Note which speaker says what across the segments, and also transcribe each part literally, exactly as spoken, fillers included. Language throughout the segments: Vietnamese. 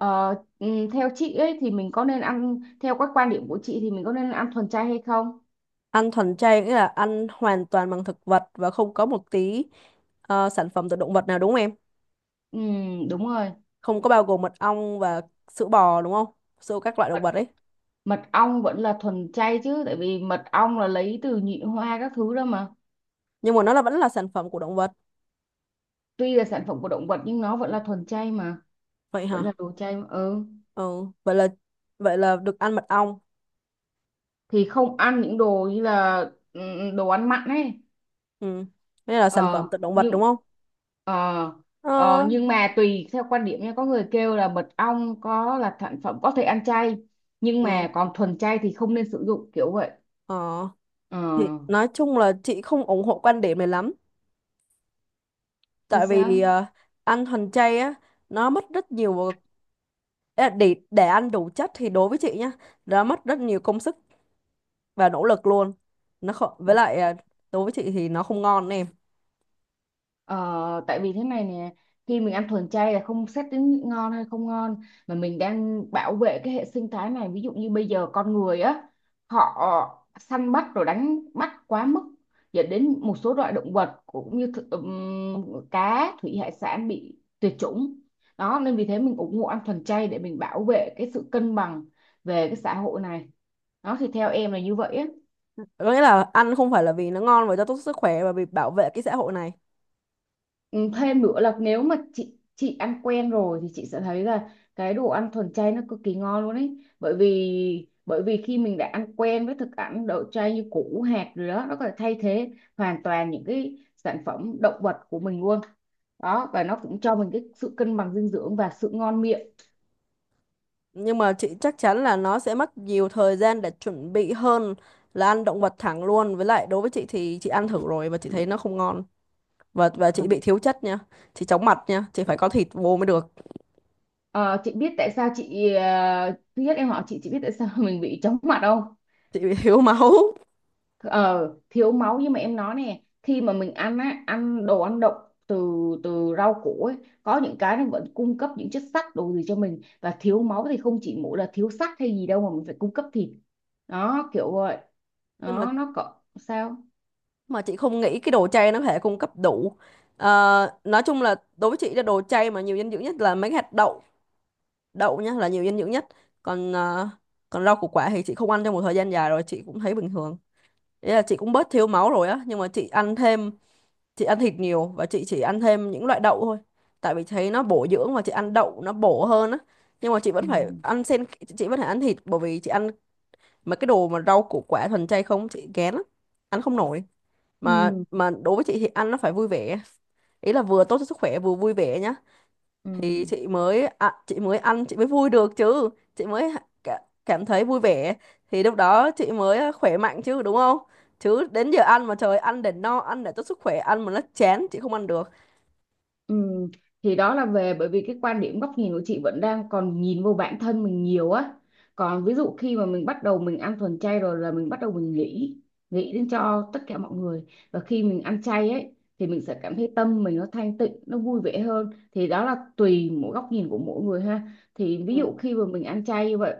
Speaker 1: Ờ, ừ, theo chị ấy thì mình có nên ăn, theo các quan điểm của chị thì mình có nên ăn thuần chay hay không?
Speaker 2: Ăn thuần chay nghĩa là ăn hoàn toàn bằng thực vật và không có một tí ờ, sản phẩm từ động vật nào, đúng không em?
Speaker 1: Ừ, đúng rồi.
Speaker 2: Không có bao gồm mật ong và sữa bò đúng không? Sữa các loại động
Speaker 1: mật,
Speaker 2: vật ấy.
Speaker 1: mật ong vẫn là thuần chay chứ, tại vì mật ong là lấy từ nhị hoa các thứ đó mà.
Speaker 2: Nhưng mà nó là vẫn là sản phẩm của động vật.
Speaker 1: Tuy là sản phẩm của động vật nhưng nó vẫn là thuần chay mà,
Speaker 2: Vậy
Speaker 1: vẫn
Speaker 2: hả?
Speaker 1: là đồ chay mà. Ừ.
Speaker 2: Ừ, vậy là vậy là được ăn mật ong.
Speaker 1: Thì không ăn những đồ như là, ừ, ừ, đồ ăn mặn ấy.
Speaker 2: Ừ. Đây là sản phẩm
Speaker 1: ờ
Speaker 2: từ động vật đúng
Speaker 1: nhưng
Speaker 2: không?
Speaker 1: ờ ờ,
Speaker 2: Ờ,
Speaker 1: nhưng mà tùy theo quan điểm nha, có người kêu là mật ong có là sản phẩm có thể ăn chay, nhưng
Speaker 2: ừ.
Speaker 1: mà còn thuần chay thì không nên sử dụng kiểu vậy.
Speaker 2: Ờ,
Speaker 1: ờ
Speaker 2: thì nói chung là chị không ủng hộ quan điểm này lắm,
Speaker 1: Vì
Speaker 2: tại vì
Speaker 1: sao?
Speaker 2: ờ, ăn thuần chay á, nó mất rất nhiều. Ý là để để ăn đủ chất thì đối với chị nhá, nó mất rất nhiều công sức và nỗ lực luôn. Nó không, với lại à, đối với chị thì nó không ngon em.
Speaker 1: Ờ, tại vì thế này nè, khi mình ăn thuần chay là không xét đến ngon hay không ngon, mà mình đang bảo vệ cái hệ sinh thái này. Ví dụ như bây giờ con người á, họ săn bắt rồi đánh bắt quá mức, dẫn đến một số loại động vật cũng như th- ừm, cá thủy hải sản bị tuyệt chủng. Đó nên vì thế mình ủng hộ ăn thuần chay để mình bảo vệ cái sự cân bằng về cái xã hội này. Đó thì theo em là như vậy á.
Speaker 2: Có nghĩa là ăn không phải là vì nó ngon và cho tốt sức khỏe mà vì bảo vệ cái xã hội này.
Speaker 1: Ừ, thêm nữa là nếu mà chị chị ăn quen rồi thì chị sẽ thấy là cái đồ ăn thuần chay nó cực kỳ ngon luôn ấy, bởi vì bởi vì khi mình đã ăn quen với thực ăn đậu chay như củ hạt rồi đó, nó có thể thay thế hoàn toàn những cái sản phẩm động vật của mình luôn. Đó, và nó cũng cho mình cái sự cân bằng dinh dưỡng và sự ngon miệng.
Speaker 2: Nhưng mà chị chắc chắn là nó sẽ mất nhiều thời gian để chuẩn bị hơn là ăn động vật thẳng luôn, với lại đối với chị thì chị ăn thử rồi và chị thấy nó không ngon, và và chị bị
Speaker 1: Ừ.
Speaker 2: thiếu chất nha, chị chóng mặt nha, chị phải có thịt vô mới được.
Speaker 1: Ờ, chị biết tại sao chị, ờ, thứ nhất em hỏi chị chị biết tại sao mình bị chóng mặt không?
Speaker 2: Chị bị thiếu máu.
Speaker 1: Ờ, thiếu máu, nhưng mà em nói nè, khi mà mình ăn á, ăn đồ ăn đậu, từ từ rau củ ấy, có những cái nó vẫn cung cấp những chất sắt đồ gì cho mình, và thiếu máu thì không chỉ mỗi là thiếu sắt hay gì đâu mà mình phải cung cấp thịt. Đó, kiểu vậy
Speaker 2: Nhưng mà
Speaker 1: đó, nó có sao.
Speaker 2: mà chị không nghĩ cái đồ chay nó có thể cung cấp đủ. Ờ, nói chung là đối với chị là đồ chay mà nhiều dinh dưỡng nhất là mấy hạt đậu, đậu nhá, là nhiều dinh dưỡng nhất. Còn ờ, còn rau củ quả thì chị không ăn trong một thời gian dài rồi, chị cũng thấy bình thường. Ý là chị cũng bớt thiếu máu rồi á, nhưng mà chị ăn thêm, chị ăn thịt nhiều và chị chỉ ăn thêm những loại đậu thôi, tại vì thấy nó bổ dưỡng và chị ăn đậu nó bổ hơn á. Nhưng mà chị vẫn phải
Speaker 1: Ừ.
Speaker 2: ăn sen, chị vẫn phải ăn thịt, bởi vì chị ăn mấy cái đồ mà rau củ quả thuần chay không, chị ghén lắm, ăn không nổi. mà
Speaker 1: Ừ.
Speaker 2: mà đối với chị thì ăn nó phải vui vẻ, ý là vừa tốt cho sức khỏe vừa vui vẻ nhá,
Speaker 1: Ừ.
Speaker 2: thì chị mới ạ- chị mới ăn, chị mới vui được chứ, chị mới cả- cảm thấy vui vẻ, thì lúc đó chị mới ờ, khỏe mạnh chứ, đúng không? Chứ đến giờ ăn mà trời, ăn để no, ăn để tốt sức khỏe, ăn mà nó chán chị không ăn được.
Speaker 1: Ừ, thì đó là về, bởi vì cái quan điểm góc nhìn của chị vẫn đang còn nhìn vô bản thân mình nhiều á. Còn ví dụ khi mà mình bắt đầu mình ăn thuần chay rồi là mình bắt đầu mình nghĩ nghĩ đến cho tất cả mọi người. Và khi mình ăn chay ấy thì mình sẽ cảm thấy tâm mình nó thanh tịnh, nó vui vẻ hơn. Thì đó là tùy mỗi góc nhìn của mỗi người ha. Thì ví
Speaker 2: Ừ.
Speaker 1: dụ khi mà mình ăn chay như vậy,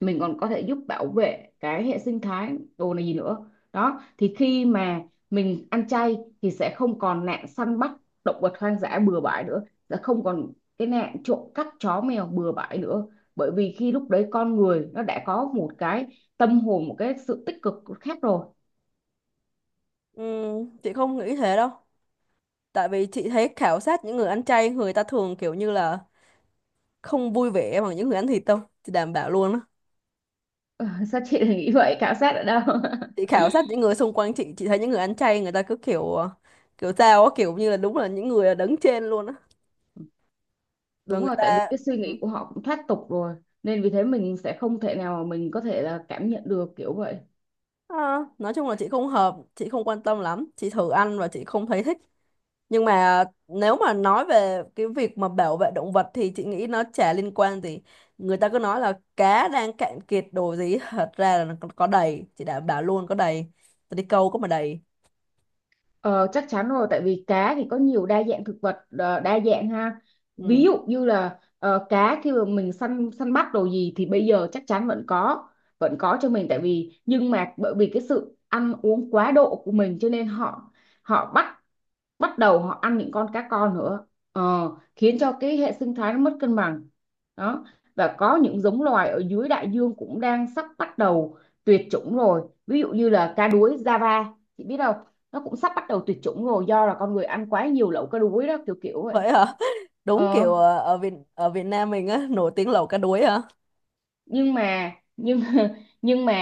Speaker 1: mình còn có thể giúp bảo vệ cái hệ sinh thái đồ này gì nữa. Đó thì khi mà mình ăn chay thì sẽ không còn nạn săn bắt động vật hoang dã bừa bãi nữa, sẽ không còn cái nạn trộm cắp chó mèo bừa bãi nữa, bởi vì khi lúc đấy con người nó đã có một cái tâm hồn, một cái sự tích cực khác rồi.
Speaker 2: Ừ, chị không nghĩ thế đâu, tại vì chị thấy khảo sát những người ăn chay, người ta thường kiểu như là không vui vẻ bằng những người ăn thịt đâu, chị đảm bảo luôn á.
Speaker 1: Ờ, sao chị lại nghĩ vậy, khảo sát ở đâu?
Speaker 2: Chị khảo sát những người xung quanh chị chị thấy những người ăn chay người ta cứ kiểu ờ, kiểu sao á, kiểu như là đúng là những người đứng trên luôn á, và
Speaker 1: Đúng
Speaker 2: người
Speaker 1: rồi, tại vì
Speaker 2: ta
Speaker 1: cái suy
Speaker 2: ừ.
Speaker 1: nghĩ của họ cũng thoát tục rồi, nên vì thế mình sẽ không thể nào mà mình có thể là cảm nhận được, kiểu vậy.
Speaker 2: À, nói chung là chị không hợp, chị không quan tâm lắm, chị thử ăn và chị không thấy thích. Nhưng mà nếu mà nói về cái việc mà bảo vệ động vật thì chị nghĩ nó chả liên quan gì. Người ta cứ nói là cá đang cạn kiệt đồ gì, thật ra là nó có có đầy, chị đảm bảo luôn có đầy. Tôi đi câu có mà đầy.
Speaker 1: Ờ, chắc chắn rồi, tại vì cá thì có nhiều đa dạng thực vật, ờ, đa dạng ha. Ví
Speaker 2: Ừ.
Speaker 1: dụ như là, ờ, cá khi mà mình săn, săn bắt đồ gì, thì bây giờ chắc chắn vẫn có, vẫn có cho mình, tại vì, nhưng mà bởi vì cái sự ăn uống quá độ của mình, cho nên họ, họ bắt, bắt đầu họ ăn những con cá con nữa. Ờ, khiến cho cái hệ sinh thái nó mất cân bằng. Đó, và có những giống loài ở dưới đại dương cũng đang sắp bắt đầu tuyệt chủng rồi. Ví dụ như là cá đuối Java, chị biết không? Nó cũng sắp bắt đầu tuyệt chủng rồi, do là con người ăn quá nhiều lẩu cá đuối đó, kiểu kiểu vậy.
Speaker 2: Vậy hả? Đúng
Speaker 1: ờ
Speaker 2: kiểu ờ, ở Việt ở Việt Nam mình á nổi tiếng lẩu cá đuối hả?
Speaker 1: nhưng mà, nhưng nhưng mà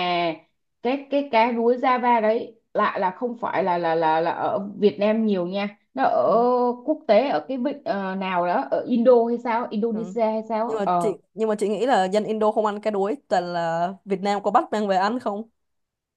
Speaker 1: cái cái cá rúi Java đấy lại là không phải là là là là ở Việt Nam nhiều nha, nó ở
Speaker 2: Ừ.
Speaker 1: quốc tế, ở cái vịnh, ờ, nào đó ở Indo hay sao,
Speaker 2: Ừ.
Speaker 1: Indonesia hay sao á.
Speaker 2: Nhưng mà chị
Speaker 1: ờ
Speaker 2: nhưng mà chị nghĩ là dân Indo không ăn cá đuối, toàn là Việt Nam có bắt mang về ăn không?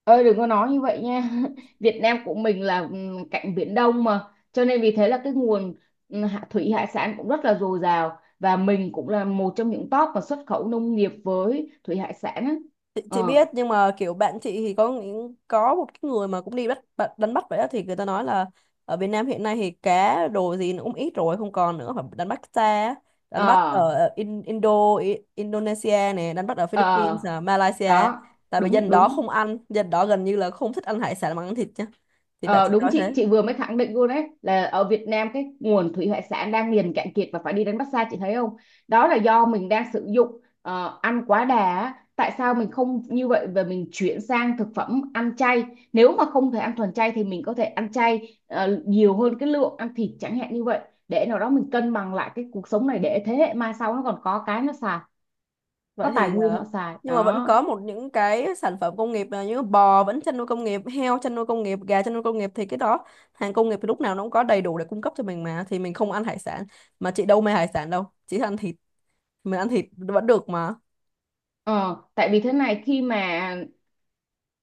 Speaker 1: Ơi đừng có nói như vậy nha. Việt Nam của mình là, ừm, cạnh Biển Đông mà, cho nên vì thế là cái nguồn, ừm, hạ- thủy hải sản cũng rất là dồi dào, và mình cũng là một trong những top mà xuất khẩu nông nghiệp với thủy hải sản á.
Speaker 2: chị, chị
Speaker 1: ờ
Speaker 2: biết, nhưng mà kiểu bạn chị thì có những có một cái người mà cũng đi bắt bắt- đánh bắt vậy đó, thì người ta nói là ở Việt Nam hiện nay thì cá đồ gì nó cũng ít rồi, không còn nữa, phải đánh bắt xa á. Đánh bắt
Speaker 1: ờ
Speaker 2: ở In, Indo, I- Indonesia này, đánh bắt ở
Speaker 1: ờ
Speaker 2: Philippines à, Malaysia,
Speaker 1: Đó.
Speaker 2: tại vì
Speaker 1: Đúng
Speaker 2: dân đó
Speaker 1: đúng.
Speaker 2: không ăn, dân đó gần như là không thích ăn hải sản mà ăn thịt nhá. Thì bạn
Speaker 1: Ờ,
Speaker 2: chị
Speaker 1: đúng,
Speaker 2: nói
Speaker 1: chị
Speaker 2: thế.
Speaker 1: chị vừa mới khẳng định luôn đấy, là ở Việt Nam cái nguồn thủy hải sản đang liền cạn kiệt và phải đi đánh bắt xa, chị thấy không? Đó là do mình đang sử dụng, ờ, ăn quá đà á. Tại sao mình không như vậy và mình chuyển sang thực phẩm ăn chay? Nếu mà không thể ăn thuần chay thì mình có thể ăn chay, ờ, nhiều hơn cái lượng ăn thịt chẳng hạn như vậy, để nào đó mình cân bằng lại cái cuộc sống này, để thế hệ mai sau nó còn có cái nó xài,
Speaker 2: Vậy
Speaker 1: có tài
Speaker 2: thì
Speaker 1: nguyên
Speaker 2: ờ,
Speaker 1: họ xài
Speaker 2: nhưng mà vẫn
Speaker 1: đó.
Speaker 2: có một những cái sản phẩm công nghiệp là như bò vẫn chăn nuôi công nghiệp, heo chăn nuôi công nghiệp, gà chăn nuôi công nghiệp, thì cái đó hàng công nghiệp thì lúc nào nó cũng có đầy đủ để cung cấp cho mình mà, thì mình không ăn hải sản, mà chị đâu mê hải sản đâu, chị thích ăn thịt, mình ăn thịt vẫn được mà.
Speaker 1: Ờ, tại vì thế này, khi mà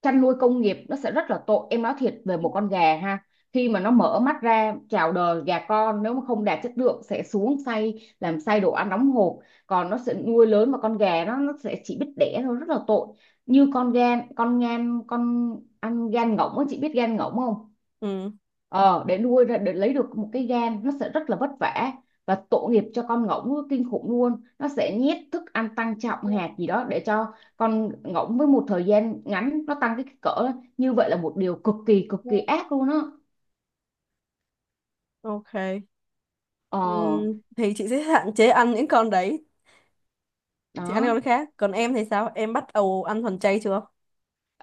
Speaker 1: chăn nuôi công nghiệp nó sẽ rất là tội. Em nói thiệt về một con gà ha, khi mà nó mở mắt ra chào đời, gà con nếu mà không đạt chất lượng sẽ xuống xay, làm xay đồ ăn đóng hộp. Còn nó sẽ nuôi lớn mà con gà nó nó sẽ chỉ biết đẻ thôi, rất là tội. Như con gan con, ngan con, ăn gan ngỗng á, chị biết gan ngỗng không?
Speaker 2: Ừ.
Speaker 1: Ờ, để nuôi ra để lấy được một cái gan nó sẽ rất là vất vả, và tội nghiệp cho con ngỗng kinh khủng luôn. Nó sẽ nhét thức ăn tăng trọng hạt gì đó, để cho con ngỗng với một thời gian ngắn nó tăng cái kích cỡ. Như vậy là một điều cực kỳ cực kỳ ác luôn á.
Speaker 2: Ok.
Speaker 1: ờ
Speaker 2: Ừ, thì chị sẽ hạn chế ăn những con đấy, chị ăn
Speaker 1: Đó.
Speaker 2: con khác. Còn em thì sao, em bắt đầu ăn thuần chay chưa?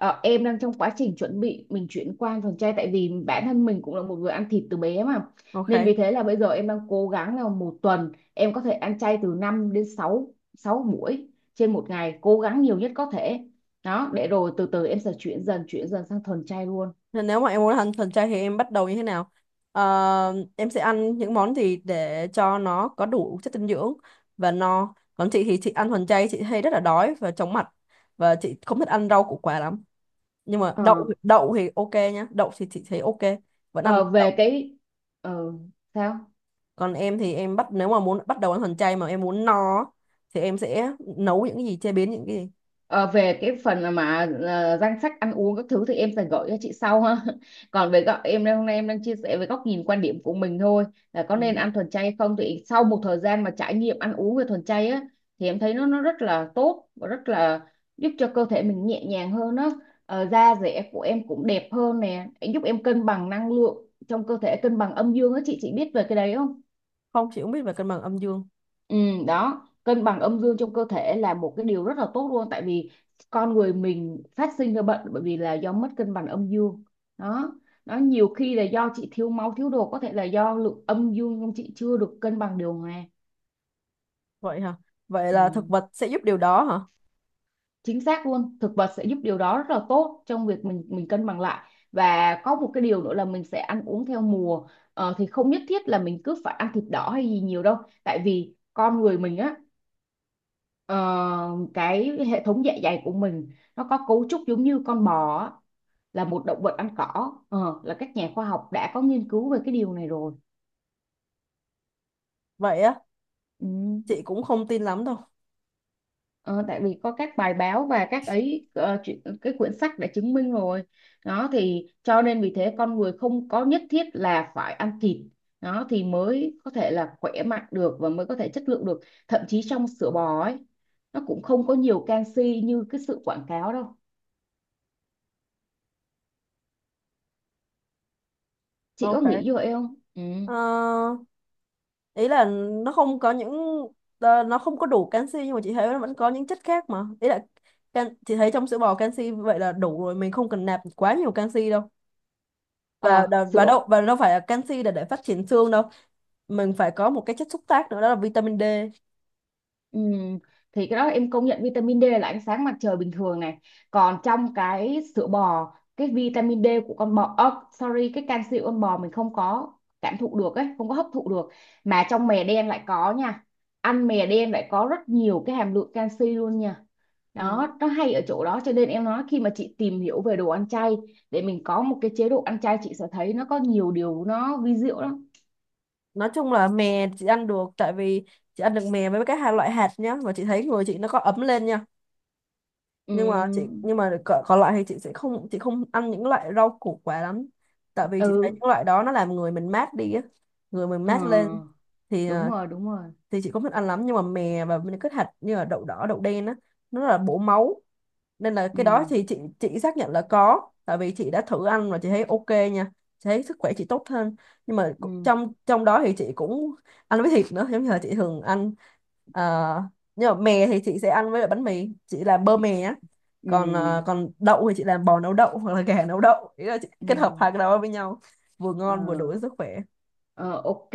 Speaker 1: Ờ, em đang trong quá trình chuẩn bị mình chuyển qua ăn thuần chay, tại vì bản thân mình cũng là một người ăn thịt từ bé mà. Nên
Speaker 2: Ok.
Speaker 1: vì thế là bây giờ em đang cố gắng là một tuần em có thể ăn chay từ năm đến 6 sáu sáu buổi trên một ngày, cố gắng nhiều nhất có thể. Đó, để rồi từ từ em sẽ chuyển dần chuyển dần sang thuần chay luôn.
Speaker 2: Nên nếu mà em muốn ăn thuần chay thì em bắt đầu như thế nào? Ờ, em sẽ ăn những món gì để cho nó có đủ chất dinh dưỡng và no. Còn chị thì chị ăn thuần chay chị hay rất là đói và chóng mặt, và chị không thích ăn rau củ quả lắm. Nhưng mà
Speaker 1: ờ,
Speaker 2: đậu đậu thì ok nhá, đậu thì chị thấy ok, vẫn ăn
Speaker 1: ờ,
Speaker 2: đậu.
Speaker 1: Về cái, ờ, sao.
Speaker 2: Còn em thì em bắt, nếu mà muốn bắt đầu ăn thuần chay mà em muốn no á, thì em sẽ nấu những cái gì, chế biến những cái gì.
Speaker 1: Ờ, về cái phần mà, ờ, danh sách ăn uống các thứ thì em sẽ gửi cho chị sau ha. Còn về góc em đang- hôm nay em đang chia sẻ về góc nhìn quan điểm của mình thôi, là có nên
Speaker 2: Ừ.
Speaker 1: ăn thuần chay hay không. Thì sau một thời gian mà trải nghiệm ăn uống về thuần chay á, thì em thấy nó, nó rất là tốt và rất là giúp cho cơ thể mình nhẹ nhàng hơn á. Ờ, da dẻ của em cũng đẹp hơn nè, giúp em cân bằng năng lượng trong cơ thể, cân bằng âm dương á. Chị chị biết về cái đấy không?
Speaker 2: Không, chị cũng biết về cân bằng âm dương.
Speaker 1: Ừ, đó, cân bằng âm dương trong cơ thể là một cái điều rất là tốt luôn, tại vì con người mình phát sinh ra bệnh bởi vì là do mất cân bằng âm dương. Đó, nó nhiều khi là do chị thiếu máu, thiếu đồ, có thể là do lượng âm dương trong chị chưa được cân bằng điều hòa.
Speaker 2: Vậy hả? Vậy là thực
Speaker 1: Ừ,
Speaker 2: vật sẽ giúp điều đó hả?
Speaker 1: chính xác luôn, thực vật sẽ giúp điều đó rất là tốt trong việc mình mình cân bằng lại. Và có một cái điều nữa là mình sẽ ăn uống theo mùa. Ờ, thì không nhất thiết là mình cứ phải ăn thịt đỏ hay gì nhiều đâu, tại vì con người mình á, ờ, cái hệ thống dạ dày của mình nó có cấu trúc giống như con bò á, là một động vật ăn cỏ. Ờ, là các nhà khoa học đã có nghiên cứu về cái điều này rồi.
Speaker 2: Vậy á,
Speaker 1: Ừ.
Speaker 2: chị cũng không tin lắm đâu.
Speaker 1: Ờ, tại vì có các bài báo và các ấy, ờ, chuyện, cái quyển sách đã chứng minh rồi. Đó thì cho nên vì thế con người không có nhất thiết là phải ăn thịt đó thì mới có thể là khỏe mạnh được, và mới có thể chất lượng được. Thậm chí trong sữa bò ấy, nó cũng không có nhiều canxi như cái sự quảng cáo đâu. Chị có
Speaker 2: Ok.
Speaker 1: nghĩ như vậy không? Ừ.
Speaker 2: Ờ, ý là nó không có những ờ, nó không có đủ canxi, nhưng mà chị thấy nó vẫn có những chất khác mà, ý là can, chị thấy trong sữa bò canxi vậy là đủ rồi, mình không cần nạp quá nhiều canxi đâu. và
Speaker 1: Ờ,
Speaker 2: đ- và
Speaker 1: sữa.
Speaker 2: đâu và đâu phải là canxi để để phát triển xương đâu, mình phải có một cái chất xúc tác nữa, đó là vitamin D.
Speaker 1: Ừm, thì cái đó em công nhận, vitamin D là ánh sáng mặt trời bình thường này. Còn trong cái sữa bò, cái vitamin D của con bò, ơ, sorry, cái canxi của con bò mình không có cảm thụ được ấy, không có hấp thụ được. Mà trong mè đen lại có nha, ăn mè đen lại có rất nhiều cái hàm lượng canxi luôn nha.
Speaker 2: Ừ.
Speaker 1: Đó, nó hay ở chỗ đó, cho nên em nói khi mà chị tìm hiểu về đồ ăn chay, để mình có một cái chế độ ăn chay, chị sẽ thấy nó có nhiều điều nó vi diệu lắm.
Speaker 2: Nói chung là mè chị ăn được, tại vì chị ăn được mè với cái hai loại hạt nhá, và chị thấy người chị nó có ấm lên nha. Nhưng mà chị
Speaker 1: Ừm.
Speaker 2: nhưng mà còn còn lại thì chị sẽ không chị không ăn những loại rau củ quả lắm, tại vì chị thấy
Speaker 1: Ừ.
Speaker 2: những loại đó nó làm người mình mát đi á, người mình
Speaker 1: Ờ,
Speaker 2: mát lên. Thì
Speaker 1: đúng
Speaker 2: à,
Speaker 1: rồi đúng rồi.
Speaker 2: thì chị không thích ăn lắm, nhưng mà mè và những cái hạt như là đậu đỏ đậu đen á, nó là bổ máu, nên là cái đó
Speaker 1: Ừ.
Speaker 2: thì chị chị xác nhận là có, tại vì chị đã thử ăn và chị thấy ok nha, chị thấy sức khỏe chị tốt hơn. Nhưng mà cũng-
Speaker 1: Ừ.
Speaker 2: trong trong đó thì chị cũng ăn với thịt nữa, giống như là chị thường ăn. Ờ, nhưng mà mè thì chị sẽ ăn với lại bánh mì, chị làm bơ mè á.
Speaker 1: Ừ.
Speaker 2: Còn ờ, còn đậu thì chị làm bò nấu đậu hoặc là gà nấu đậu, ý là chị kết hợp
Speaker 1: Ừ.
Speaker 2: hai cái đó với nhau, vừa
Speaker 1: ờ,
Speaker 2: ngon vừa đủ cho sức khỏe.
Speaker 1: ờ, ok.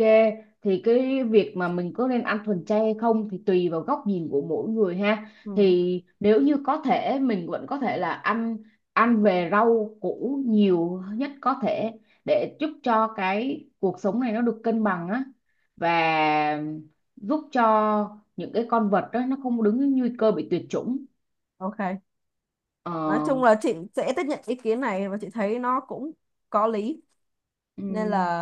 Speaker 1: Thì cái việc mà mình có nên ăn thuần chay hay không thì tùy vào góc nhìn của mỗi người ha.
Speaker 2: Ừ,
Speaker 1: Thì nếu như có thể, mình vẫn có thể là ăn, ăn về rau củ nhiều nhất có thể, để giúp cho cái cuộc sống này nó được cân bằng á, và giúp cho những cái con vật đó nó không đứng nguy cơ bị tuyệt chủng.
Speaker 2: ok.
Speaker 1: Ờ.
Speaker 2: Nói chung là chị sẽ tiếp nhận ý kiến này và chị thấy nó cũng có lý, nên
Speaker 1: Ừ,
Speaker 2: là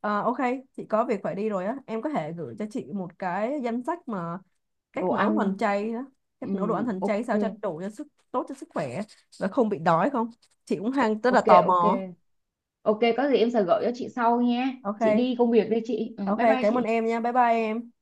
Speaker 2: à, ok. Chị có việc phải đi rồi á, em có thể gửi cho chị một cái danh sách mà cách
Speaker 1: đồ
Speaker 2: nấu
Speaker 1: ăn.
Speaker 2: thuần chay đó,
Speaker 1: Ừ,
Speaker 2: cách nấu đồ ăn thuần chay
Speaker 1: ok.
Speaker 2: sao cho đủ cho sức, tốt cho sức khỏe, và không bị đói không, chị cũng hang rất là
Speaker 1: Ok.
Speaker 2: tò
Speaker 1: Ok
Speaker 2: mò.
Speaker 1: ok, có gì em sẽ gửi cho chị sau nha. Chị
Speaker 2: Ok
Speaker 1: đi công việc đây chị, ừ,
Speaker 2: ok.
Speaker 1: bye bye
Speaker 2: Cảm ơn
Speaker 1: chị.
Speaker 2: em nha, bye bye em.